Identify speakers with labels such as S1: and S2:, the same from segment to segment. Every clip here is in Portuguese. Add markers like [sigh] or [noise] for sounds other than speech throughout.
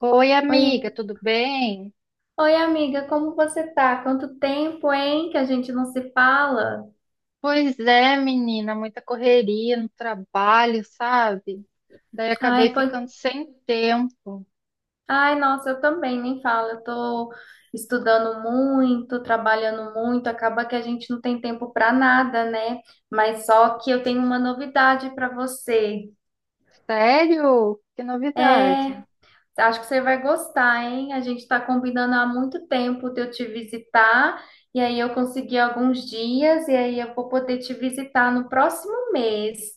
S1: Oi, amiga,
S2: Oi,
S1: tudo bem?
S2: oi amiga, como você tá? Quanto tempo, hein, que a gente não se fala?
S1: Pois é, menina, muita correria no trabalho, sabe? Daí
S2: Ai,
S1: acabei
S2: pois,
S1: ficando sem tempo.
S2: ai, nossa, eu também nem falo. Eu tô estudando muito, trabalhando muito, acaba que a gente não tem tempo pra nada, né? Mas só que eu tenho uma novidade pra você.
S1: Sério? Que novidade.
S2: É,
S1: [gasps]
S2: acho que você vai gostar, hein? A gente tá combinando há muito tempo de eu te visitar. E aí eu consegui alguns dias e aí eu vou poder te visitar no próximo mês.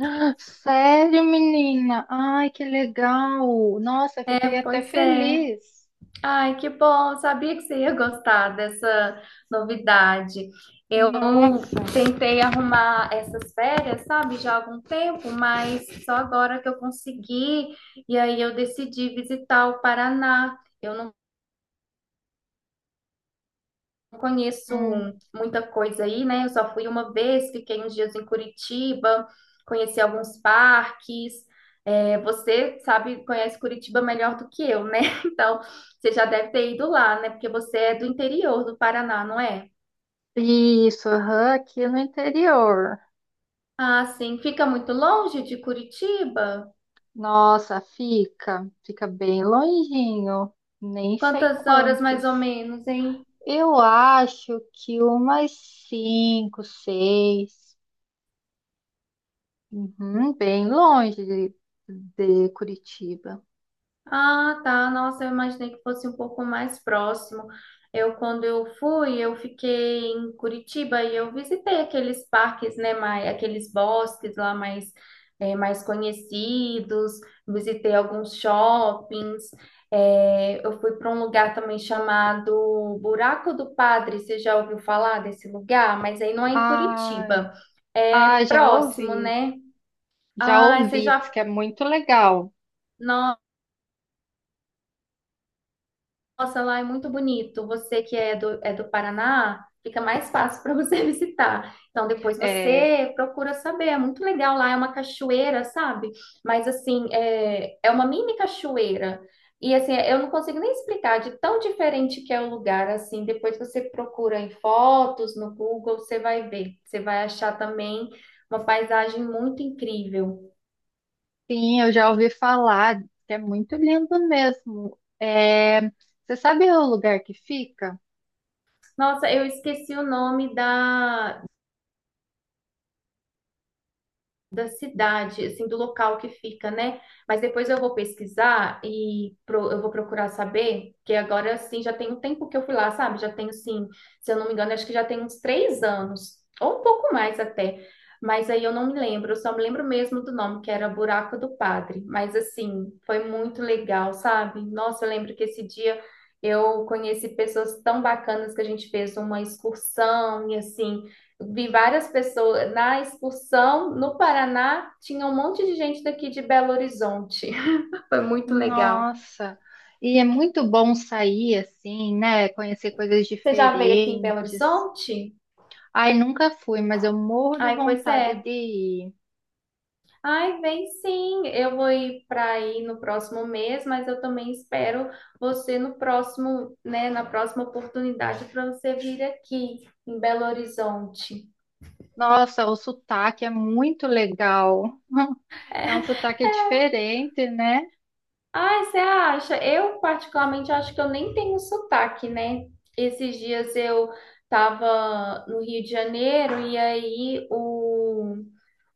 S1: Ah, sério, menina? Ai, que legal. Nossa,
S2: É,
S1: fiquei até
S2: pois é.
S1: feliz.
S2: Ai, que bom! Sabia que você ia gostar dessa novidade. Eu
S1: Nossa.
S2: tentei arrumar essas férias, sabe, já há algum tempo, mas só agora que eu consegui. E aí eu decidi visitar o Paraná. Eu conheço
S1: Hum.
S2: muita coisa aí, né? Eu só fui uma vez, fiquei uns dias em Curitiba, conheci alguns parques. É, você sabe, conhece Curitiba melhor do que eu, né? [laughs] Então, você já deve ter ido lá, né? Porque você é do interior do Paraná, não é?
S1: Isso, aham, aqui no interior.
S2: Ah, sim. Fica muito longe de Curitiba?
S1: Nossa, fica bem longinho. Nem sei
S2: Quantas horas mais ou
S1: quantos.
S2: menos, hein?
S1: Eu acho que umas cinco, seis. Uhum, bem longe de Curitiba.
S2: Ah, tá. Nossa, eu imaginei que fosse um pouco mais próximo. Eu, quando eu fui, eu fiquei em Curitiba e eu visitei aqueles parques, né, mais, aqueles bosques lá mais, mais conhecidos, visitei alguns shoppings. Eu fui para um lugar também chamado Buraco do Padre. Você já ouviu falar desse lugar? Mas aí não é em
S1: Ai,
S2: Curitiba, é
S1: ai, já
S2: próximo,
S1: ouvi.
S2: né?
S1: Já
S2: Ah, você
S1: ouvi, diz
S2: já.
S1: que é muito legal.
S2: Nossa, lá é muito bonito. Você que é do Paraná, fica mais fácil para você [laughs] visitar. Então, depois
S1: É,
S2: você procura saber. É muito legal lá, é uma cachoeira, sabe? Mas, assim, é, é uma mini cachoeira. E, assim, eu não consigo nem explicar de tão diferente que é o lugar, assim. Depois você procura em fotos, no Google, você vai ver. Você vai achar também uma paisagem muito incrível.
S1: sim, eu já ouvi falar, diz que é muito lindo mesmo. É, você sabe o lugar que fica?
S2: Nossa, eu esqueci o nome da, da cidade, assim, do local que fica, né? Mas depois eu vou pesquisar e eu vou procurar saber, que agora, assim, já tem um tempo que eu fui lá, sabe? Já tenho, assim, se eu não me engano, acho que já tem uns 3 anos, ou um pouco mais até. Mas aí eu não me lembro, eu só me lembro mesmo do nome, que era Buraco do Padre. Mas, assim, foi muito legal, sabe? Nossa, eu lembro que esse dia eu conheci pessoas tão bacanas que a gente fez uma excursão e, assim, vi várias pessoas na excursão no Paraná, tinha um monte de gente daqui de Belo Horizonte. [laughs] Foi muito legal.
S1: Nossa, e é muito bom sair assim, né? Conhecer coisas
S2: Você já veio aqui em Belo
S1: diferentes.
S2: Horizonte?
S1: Ai, nunca fui, mas eu morro de
S2: Ai, pois
S1: vontade
S2: é.
S1: de ir.
S2: Ai, vem sim. Eu vou ir para aí no próximo mês, mas eu também espero você no próximo, né, na próxima oportunidade para você vir aqui em Belo Horizonte.
S1: Nossa, o sotaque é muito legal. [laughs] É um sotaque diferente, né?
S2: Ai, você acha? Eu, particularmente, acho que eu nem tenho sotaque, né? Esses dias eu tava no Rio de Janeiro e aí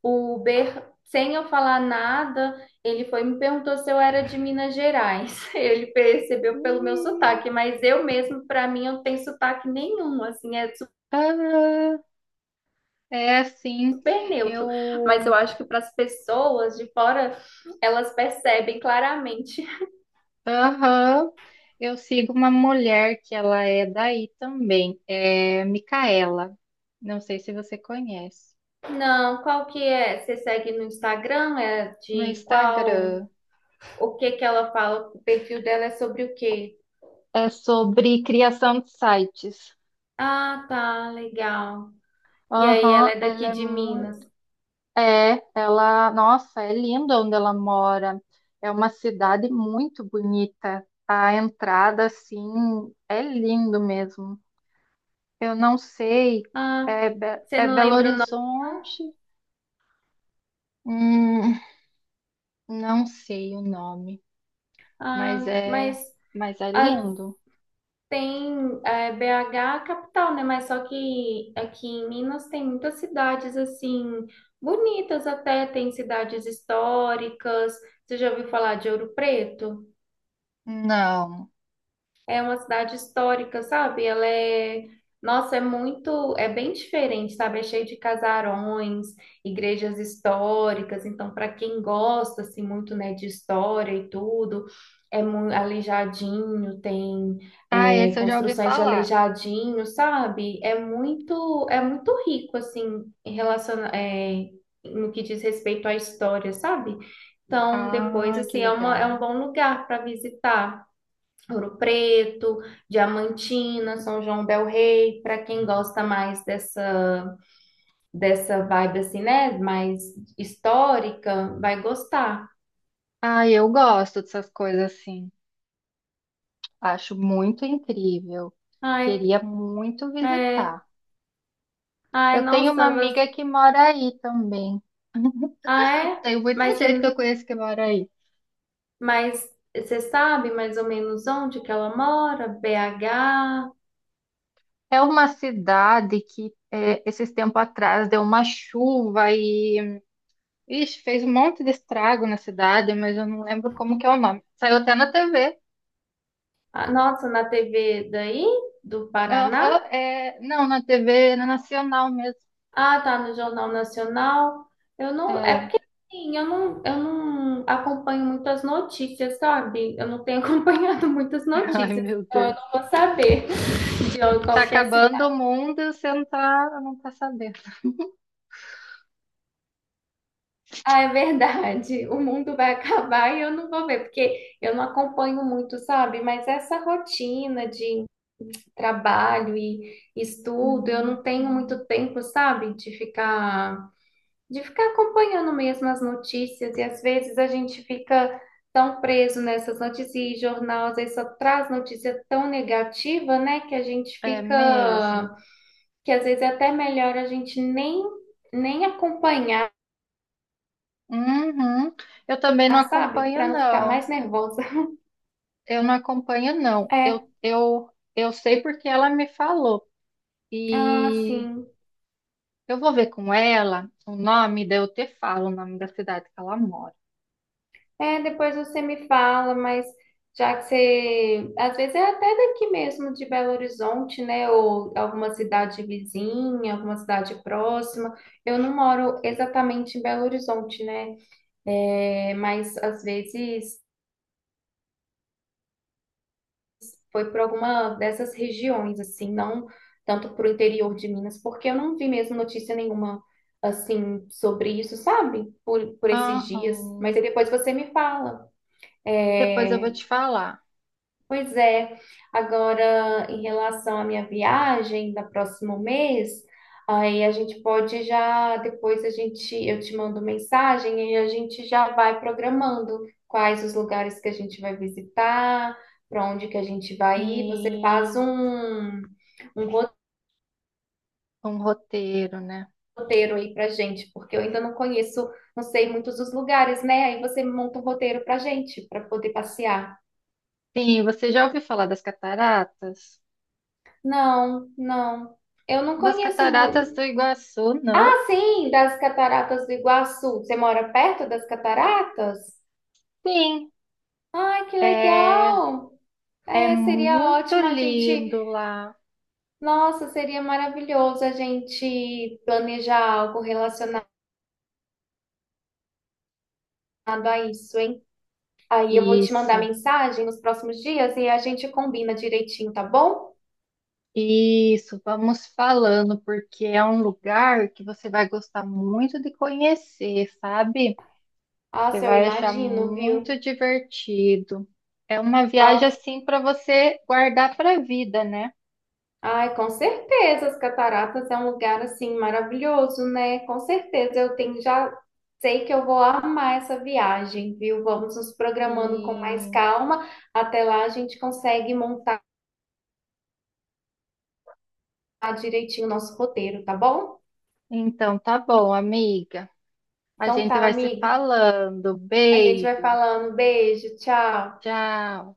S2: o Uber, sem eu falar nada, ele foi e me perguntou se eu era de Minas Gerais. [laughs] Ele percebeu pelo meu
S1: Hum,
S2: sotaque, mas eu mesmo, pra mim, eu não tenho sotaque nenhum, assim, é
S1: aham. É assim,
S2: super neutro. Mas
S1: eu,
S2: eu acho que para as pessoas de fora, elas percebem claramente.
S1: aham, eu sigo uma mulher que ela é daí também, é Micaela. Não sei se você conhece.
S2: Não, qual que é? Você segue no Instagram? É
S1: No
S2: de qual?
S1: Instagram
S2: O que que ela fala? O perfil dela é sobre o quê?
S1: é sobre criação de sites.
S2: Ah, tá, legal. E aí, ela
S1: Aham,
S2: é daqui
S1: ela é
S2: de Minas.
S1: muito. É, ela, nossa, é linda onde ela mora. É uma cidade muito bonita. A entrada, assim, é lindo mesmo. Eu não sei,
S2: Ah,
S1: é, Be-
S2: você
S1: é
S2: não
S1: Belo
S2: lembra o nome?
S1: Horizonte, hum, não sei o nome, mas
S2: Ah,
S1: é,
S2: mas
S1: mas é
S2: ah,
S1: lindo.
S2: tem é, BH a capital, né? Mas só que aqui em Minas tem muitas cidades assim bonitas até, tem cidades históricas. Você já ouviu falar de Ouro Preto?
S1: Não.
S2: É uma cidade histórica, sabe? Ela é, nossa, é muito, é bem diferente, sabe? É cheio de casarões, igrejas históricas, então para quem gosta assim muito, né, de história e tudo, é muito Aleijadinho, tem
S1: Ah,
S2: é,
S1: esse eu já ouvi
S2: construções de
S1: falar.
S2: Aleijadinho, sabe? É muito rico assim em relação, é, no que diz respeito à história, sabe? Então depois
S1: Ah, que
S2: assim é uma, é um
S1: legal.
S2: bom lugar para visitar. Ouro Preto, Diamantina, São João del Rei, para quem gosta mais dessa dessa vibe assim, né, mais histórica, vai gostar.
S1: Ah, eu gosto dessas coisas assim. Acho muito incrível.
S2: Ai,
S1: Queria muito
S2: é,
S1: visitar.
S2: ai,
S1: Eu tenho uma
S2: nossa, você,
S1: amiga que mora aí também.
S2: ah é?
S1: Tem muita
S2: Mas
S1: gente que
S2: você,
S1: eu conheço que mora aí.
S2: mas você sabe mais ou menos onde que ela mora? BH?
S1: É uma cidade que é, esses tempos atrás deu uma chuva e ixi, fez um monte de estrago na cidade, mas eu não lembro como que é o nome. Saiu até na TV.
S2: Ah, nossa, na TV daí do Paraná?
S1: Aham, é, não, na TV nacional mesmo.
S2: Ah, tá, no Jornal Nacional. Eu não, é
S1: É,
S2: porque assim, eu não acompanho muitas notícias, sabe? Eu não tenho [laughs] acompanhado muitas
S1: [laughs] ai,
S2: notícias,
S1: meu
S2: então eu
S1: Deus.
S2: não vou saber de
S1: Tá
S2: qualquer cidade.
S1: acabando o mundo e você não tá, não tá sabendo.
S2: Ah, é verdade. O mundo vai acabar e eu não vou ver, porque eu não acompanho muito, sabe? Mas essa rotina de trabalho e estudo, eu
S1: Hum,
S2: não tenho
S1: hum.
S2: muito tempo, sabe? De ficar acompanhando mesmo as notícias, e às vezes a gente fica tão preso nessas notícias, e jornal às vezes só traz notícia tão negativa, né, que a gente
S1: É mesmo.
S2: fica, que às vezes é até melhor a gente nem, nem acompanhar,
S1: Uhum. Eu também não
S2: sabe,
S1: acompanho,
S2: para não ficar mais
S1: não.
S2: nervosa.
S1: Eu não acompanho, não.
S2: É,
S1: Eu sei porque ela me falou.
S2: ah,
S1: E
S2: sim.
S1: eu vou ver com ela o nome, daí eu te falo o nome da cidade que ela mora.
S2: É, depois você me fala, mas já que você, às vezes é até daqui mesmo de Belo Horizonte, né, ou alguma cidade vizinha, alguma cidade próxima. Eu não moro exatamente em Belo Horizonte, né, é, mas às vezes foi para alguma dessas regiões, assim, não tanto para o interior de Minas, porque eu não vi mesmo notícia nenhuma, assim, sobre isso, sabe, por esses dias. Mas
S1: Aham.
S2: aí depois você me fala.
S1: Depois eu vou
S2: É,
S1: te falar.
S2: pois é, agora em relação à minha viagem da próximo mês, aí a gente pode já, depois a gente, eu te mando mensagem e a gente já vai programando quais os lugares que a gente vai visitar, para onde que a gente vai ir. Você faz
S1: Sim,
S2: um, um
S1: um roteiro, né?
S2: roteiro aí pra gente, porque eu ainda não conheço, não sei muitos dos lugares, né? Aí você monta um roteiro pra gente, para poder passear.
S1: Sim, você já ouviu falar das cataratas?
S2: Não, não. Eu não
S1: Das
S2: conheço
S1: Cataratas do
S2: muito,
S1: Iguaçu, não?
S2: assim, das Cataratas do Iguaçu. Você mora perto das cataratas?
S1: Sim,
S2: Ai, que
S1: é,
S2: legal!
S1: é
S2: É, seria
S1: muito
S2: ótimo a gente.
S1: lindo lá.
S2: Nossa, seria maravilhoso a gente planejar algo relacionado a isso, hein? Aí eu vou te mandar
S1: Isso.
S2: mensagem nos próximos dias e a gente combina direitinho, tá bom?
S1: Isso, vamos falando, porque é um lugar que você vai gostar muito de conhecer, sabe? Você
S2: Nossa, eu
S1: vai achar
S2: imagino,
S1: muito
S2: viu?
S1: divertido. É uma viagem assim para você guardar para a vida, né?
S2: Ai, com certeza, as cataratas é um lugar assim maravilhoso, né? Com certeza, eu tenho já sei que eu vou amar essa viagem, viu? Vamos nos programando com mais
S1: E
S2: calma. Até lá a gente consegue montar direitinho o nosso roteiro, tá bom?
S1: então tá bom, amiga. A
S2: Então
S1: gente
S2: tá,
S1: vai se
S2: amiga.
S1: falando.
S2: A gente vai
S1: Beijo.
S2: falando. Beijo, tchau.
S1: Tchau.